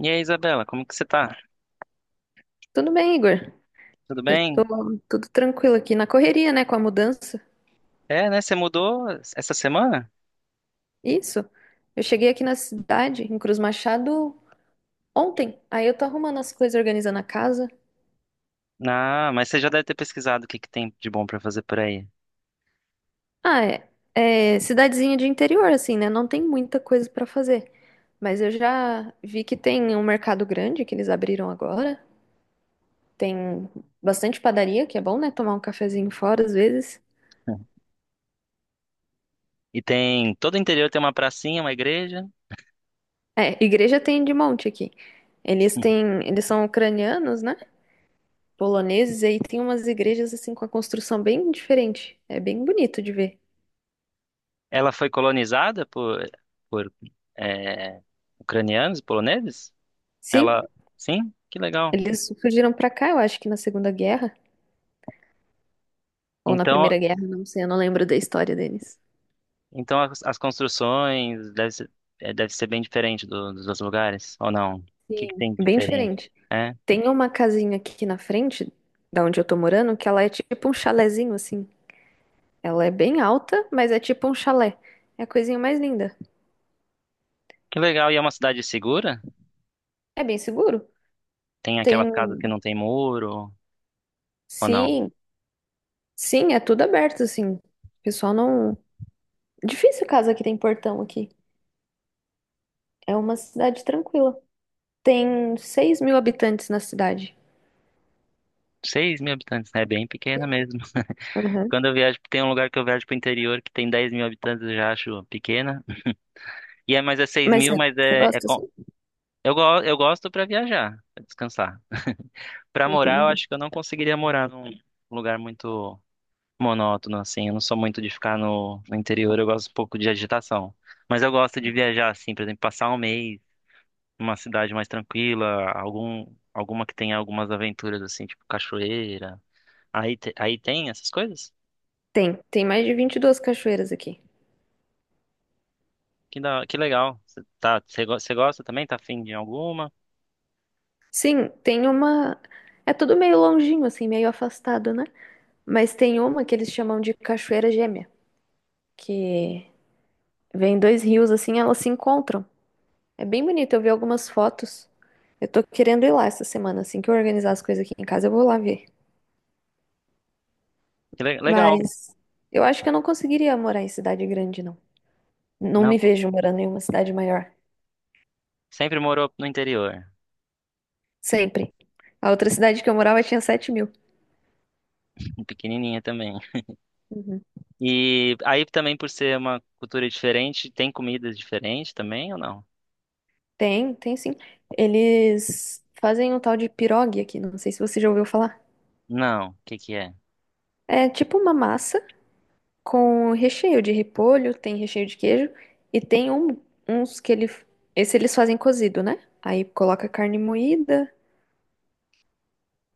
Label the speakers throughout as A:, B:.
A: E aí, Isabela, como que você tá?
B: Tudo bem, Igor?
A: Tudo
B: Eu
A: bem?
B: tô tudo tranquilo aqui na correria, né, com a mudança.
A: É, né? Você mudou essa semana?
B: Isso. Eu cheguei aqui na cidade, em Cruz Machado, ontem. Aí eu tô arrumando as coisas, organizando a casa.
A: Ah, mas você já deve ter pesquisado o que que tem de bom pra fazer por aí.
B: Ah, é. É cidadezinha de interior, assim, né? Não tem muita coisa pra fazer. Mas eu já vi que tem um mercado grande que eles abriram agora. Tem bastante padaria, que é bom, né? Tomar um cafezinho fora às vezes.
A: E tem, todo o interior tem uma pracinha, uma igreja.
B: É, igreja tem de monte aqui. Eles têm, eles são ucranianos, né? Poloneses, e aí tem umas igrejas assim com a construção bem diferente. É bem bonito de ver.
A: Ela foi colonizada por é, ucranianos e poloneses?
B: Sim,
A: Ela, sim? Que legal.
B: eles fugiram pra cá, eu acho que na Segunda Guerra ou na
A: Então,
B: Primeira Guerra, não sei, eu não lembro da história deles.
A: então as construções deve ser, é, deve ser bem diferente dos outros lugares, ou não? O que que
B: Sim.
A: tem de
B: Bem
A: diferente?
B: diferente.
A: É,
B: Tem uma casinha aqui na frente, da onde eu tô morando, que ela é tipo um chalezinho assim. Ela é bem alta, mas é tipo um chalé. É a coisinha mais linda.
A: que legal. E é uma cidade segura?
B: É bem seguro.
A: Tem aquela
B: Tem,
A: casa que não tem muro, ou não?
B: sim, sim, é tudo aberto assim. O pessoal não Difícil casa que tem portão aqui. É uma cidade tranquila. Tem 6.000 habitantes na cidade.
A: 6 mil habitantes, né? É bem pequena mesmo.
B: Aham.
A: Quando eu viajo, tem um lugar que eu viajo pro interior que tem 10 mil habitantes, eu já acho pequena. E é, mas é 6
B: Mas
A: mil,
B: você
A: mas
B: você gosta assim?
A: eu gosto pra viajar, pra descansar. Pra morar, eu
B: Entendi.
A: acho que eu não conseguiria morar num lugar muito monótono, assim. Eu não sou muito de ficar no interior, eu gosto um pouco de agitação. Mas eu gosto de viajar, assim, por exemplo, passar um mês numa cidade mais tranquila, alguma que tenha algumas aventuras, assim, tipo cachoeira. Aí, aí tem essas coisas?
B: Tem, tem mais de 22 cachoeiras aqui.
A: Que, da, que legal. Você tá, você gosta também? Tá afim de alguma?
B: Sim, tem uma. É tudo meio longinho, assim, meio afastado, né? Mas tem uma que eles chamam de Cachoeira Gêmea, que vem dois rios assim, elas se encontram. É bem bonito, eu vi algumas fotos. Eu tô querendo ir lá essa semana, assim que eu organizar as coisas aqui em casa, eu vou lá ver.
A: Que legal.
B: Mas eu acho que eu não conseguiria morar em cidade grande, não. Não
A: Não,
B: me
A: co-
B: vejo morando em uma cidade maior.
A: Sempre morou no interior,
B: Sempre. A outra cidade que eu morava tinha 7.000.
A: pequenininha também.
B: Uhum.
A: E aí também por ser uma cultura diferente, tem comidas diferentes também ou não?
B: Tem, tem sim. Eles fazem um tal de pirogue aqui, não sei se você já ouviu falar.
A: Não. O que que é?
B: É tipo uma massa com recheio de repolho, tem recheio de queijo e uns que esse eles fazem cozido, né? Aí coloca carne moída,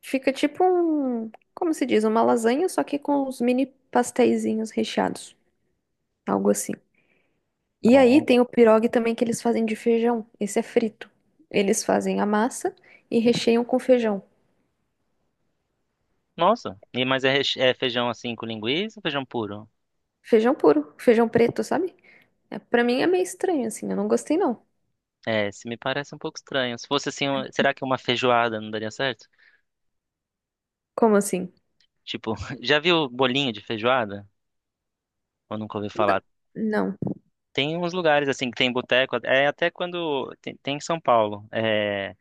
B: fica tipo um, como se diz, uma lasanha, só que com uns mini pasteizinhos recheados, algo assim. E aí
A: Bom.
B: tem o pirogue também que eles fazem de feijão. Esse é frito. Eles fazem a massa e recheiam com feijão.
A: Nossa. E mas é feijão assim com linguiça ou feijão puro?
B: Feijão puro, feijão preto, sabe? É, para mim é meio estranho assim, eu não gostei não.
A: É, se me parece um pouco estranho. Se fosse assim, será que uma feijoada não daria certo?
B: Como assim?
A: Tipo, já viu bolinho de feijoada? Ou nunca ouviu
B: N-
A: falar.
B: Não.
A: Tem uns lugares assim que tem boteco, é até quando tem, tem em São Paulo. É,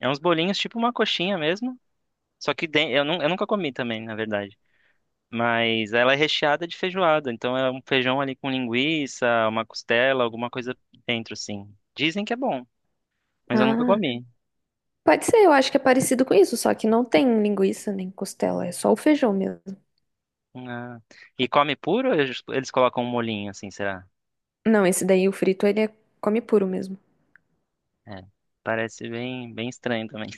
A: é uns bolinhos tipo uma coxinha mesmo, só que eu nunca comi também, na verdade. Mas ela é recheada de feijoada, então é um feijão ali com linguiça, uma costela, alguma coisa dentro assim. Dizem que é bom, mas eu nunca
B: Ah,
A: comi.
B: pode ser, eu acho que é parecido com isso, só que não tem linguiça nem costela, é só o feijão mesmo.
A: Ah, e come puro, ou eles colocam um molhinho assim, será?
B: Não, esse daí o frito come puro mesmo.
A: É, parece bem estranho também.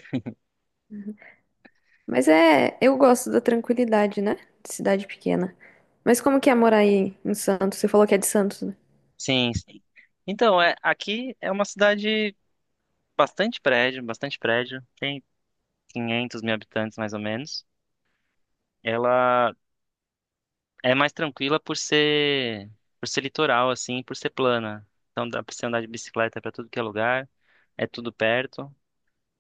B: Mas é, eu gosto da tranquilidade, né? De cidade pequena. Mas como que é morar aí em Santos? Você falou que é de Santos, né?
A: Sim, sim. Então, é, aqui é uma cidade bastante prédio, bastante prédio. Tem 500 mil habitantes mais ou menos. Ela é mais tranquila por ser litoral assim, por ser plana. Então dá pra você andar de bicicleta pra tudo que é lugar. É tudo perto,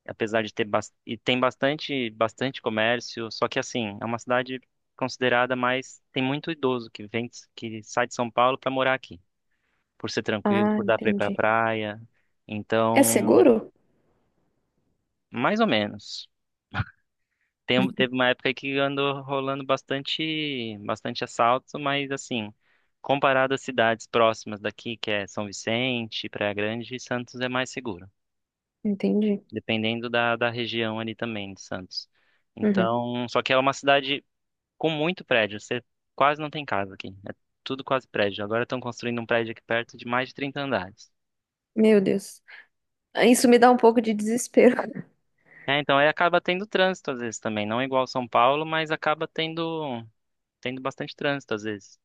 A: apesar de ter e tem bastante comércio, só que assim, é uma cidade considerada mais tem muito idoso que vem que sai de São Paulo pra morar aqui, por ser tranquilo,
B: Ah,
A: por dar pra ir pra
B: entendi.
A: praia.
B: É
A: Então,
B: seguro?
A: mais ou menos. Teve uma época que andou rolando bastante, bastante assalto, mas assim, comparado às cidades próximas daqui, que é São Vicente, Praia Grande, Santos é mais seguro,
B: Entendi.
A: dependendo da região ali também de Santos.
B: Uhum.
A: Então, só que é uma cidade com muito prédio, você quase não tem casa aqui, é tudo quase prédio. Agora estão construindo um prédio aqui perto de mais de 30 andares.
B: Meu Deus. Isso me dá um pouco de desespero.
A: É, então aí acaba tendo trânsito às vezes também, não é igual São Paulo, mas acaba tendo bastante trânsito às vezes.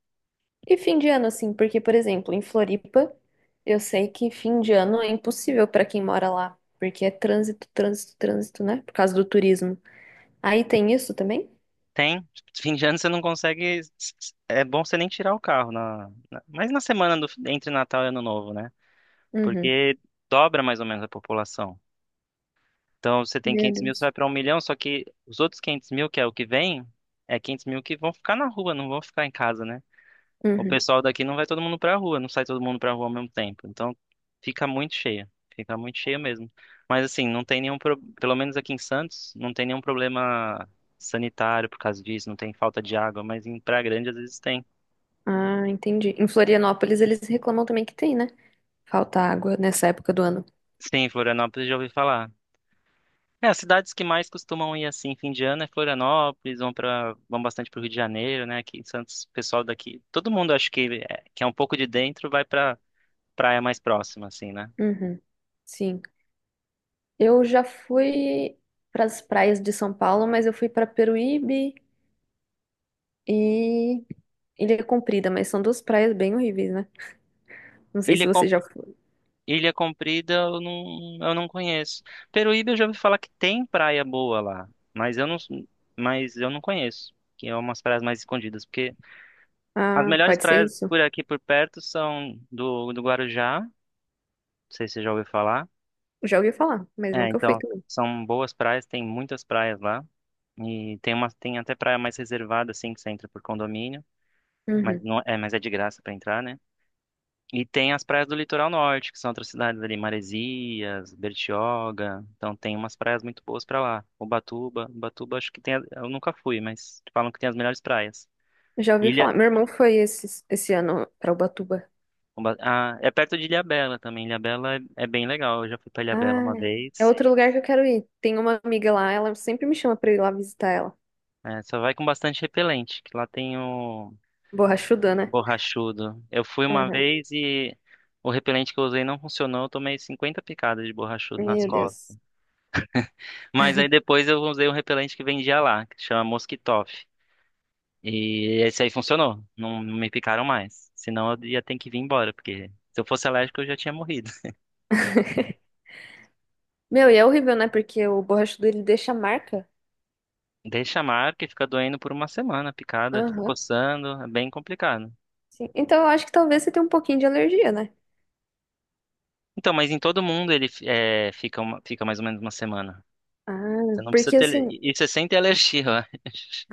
B: E fim de ano, assim, porque, por exemplo, em Floripa, eu sei que fim de ano é impossível pra quem mora lá, porque é trânsito, trânsito, trânsito, né? Por causa do turismo. Aí tem isso também?
A: Tem. Tipo, fim de ano você não consegue. É bom você nem tirar o carro mas na semana entre Natal e Ano Novo, né?
B: Uhum.
A: Porque dobra mais ou menos a população. Então você tem
B: Meu
A: 500 mil, você vai
B: Deus.
A: para 1 milhão, só que os outros 500 mil, que é o que vem, é 500 mil que vão ficar na rua, não vão ficar em casa, né? O
B: Uhum.
A: pessoal daqui não vai todo mundo pra rua, não sai todo mundo pra rua ao mesmo tempo. Então fica muito cheia mesmo. Mas assim, não tem nenhum, pro... pelo menos aqui em Santos, não tem nenhum problema sanitário por causa disso, não tem falta de água, mas em Praia Grande às vezes tem.
B: Ah, entendi. Em Florianópolis, eles reclamam também que tem, né? Falta água nessa época do ano.
A: Sim, Florianópolis já ouvi falar. É, as cidades que mais costumam ir assim fim de ano é Florianópolis, vão bastante pro Rio de Janeiro, né? Aqui em Santos, o pessoal daqui, todo mundo acho que é um pouco de dentro vai pra praia mais próxima assim, né?
B: Uhum. Sim. Eu já fui para as praias de São Paulo, mas eu fui para Peruíbe, e Ilha é Comprida, mas são duas praias bem horríveis, né? Não sei
A: Ilha
B: se você já foi.
A: Ilha Comprida eu não conheço. Peruíbe eu já ouvi falar que tem praia boa lá, mas eu não, mas eu não conheço, que é umas praias mais escondidas, porque as
B: Ah,
A: melhores
B: pode ser
A: praias
B: isso?
A: por aqui por perto são do Guarujá, não sei se você já ouviu falar.
B: Já ouvi falar, mas
A: É,
B: nunca fui
A: então
B: também.
A: são boas praias, tem muitas praias lá e tem até praia mais reservada assim que você entra por condomínio, mas
B: Uhum.
A: não é, mas é de graça para entrar, né? E tem as praias do litoral norte, que são outras cidades ali, Maresias, Bertioga. Então tem umas praias muito boas pra lá. Ubatuba acho que tem, eu nunca fui, mas falam que tem as melhores praias.
B: Já ouvi
A: Ilha,
B: falar. Meu irmão foi esse ano pra Ubatuba.
A: Ah, é perto de Ilhabela também. Ilhabela é, é bem legal. Eu já fui pra Ilhabela
B: Ah,
A: uma
B: é
A: vez.
B: outro lugar que eu quero ir. Tem uma amiga lá, ela sempre me chama pra ir lá visitar ela.
A: É, só vai com bastante repelente, que lá tem o
B: Borrachuda, né?
A: borrachudo. Eu fui uma
B: Aham.
A: vez e o repelente que eu usei não funcionou. Eu tomei 50 picadas de borrachudo nas...
B: Meu Deus.
A: Mas aí depois eu usei um repelente que vendia lá, que chama Mosquitoff. E esse aí funcionou. Não, não me picaram mais. Senão eu ia ter que vir embora, porque se eu fosse alérgico eu já tinha morrido.
B: Meu, e é horrível, né? Porque o borrachudo ele deixa marca.
A: Deixa a marca e fica doendo por uma semana, a picada, fica
B: Aham.
A: coçando, é bem complicado.
B: Sim. Então eu acho que talvez você tenha um pouquinho de alergia, né?
A: Então, mas em todo mundo ele é, fica, fica mais ou menos uma semana. Você
B: Ah,
A: não precisa
B: porque
A: ter.
B: assim,
A: E você sente alergia, eu acho.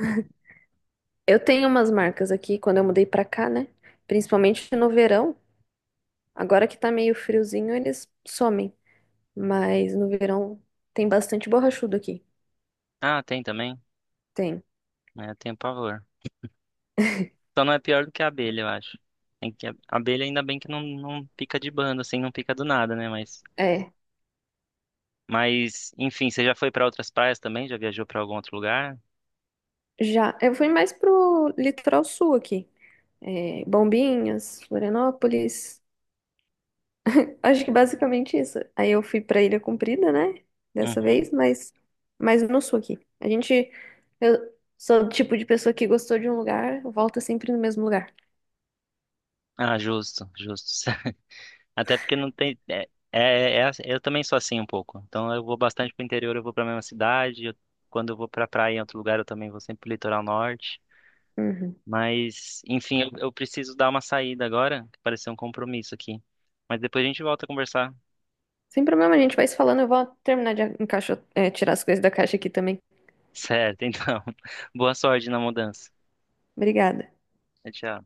B: eu tenho umas marcas aqui quando eu mudei pra cá, né? Principalmente no verão. Agora que tá meio friozinho, eles somem. Mas no verão tem bastante borrachudo aqui.
A: Ah, tem também?
B: Tem.
A: É, eu tenho pavor. Só não é pior do que a abelha, eu acho. Tem que, a abelha ainda bem que não pica de bando, assim, não pica do nada, né? Mas.
B: É.
A: Mas, enfim, você já foi para outras praias também? Já viajou para algum outro lugar?
B: Já. Eu fui mais pro litoral sul aqui. É, Bombinhas, Florianópolis. Acho que basicamente isso. Aí eu fui pra Ilha Comprida, né? Dessa vez,
A: Uhum.
B: mas no sul aqui. A gente. Eu sou o tipo de pessoa que gostou de um lugar, volta sempre no mesmo lugar.
A: Ah, justo, justo. Até porque não tem. Assim, eu também sou assim um pouco. Então eu vou bastante pro interior, eu vou pra mesma cidade. Quando eu vou pra praia em outro lugar, eu também vou sempre pro litoral norte.
B: Uhum.
A: Mas, enfim, eu preciso dar uma saída agora, que pareceu um compromisso aqui. Mas depois a gente volta a conversar.
B: Sem problema, a gente vai se falando. Eu vou terminar de tirar as coisas da caixa aqui também.
A: Certo, então. Boa sorte na mudança.
B: Obrigada.
A: Tchau.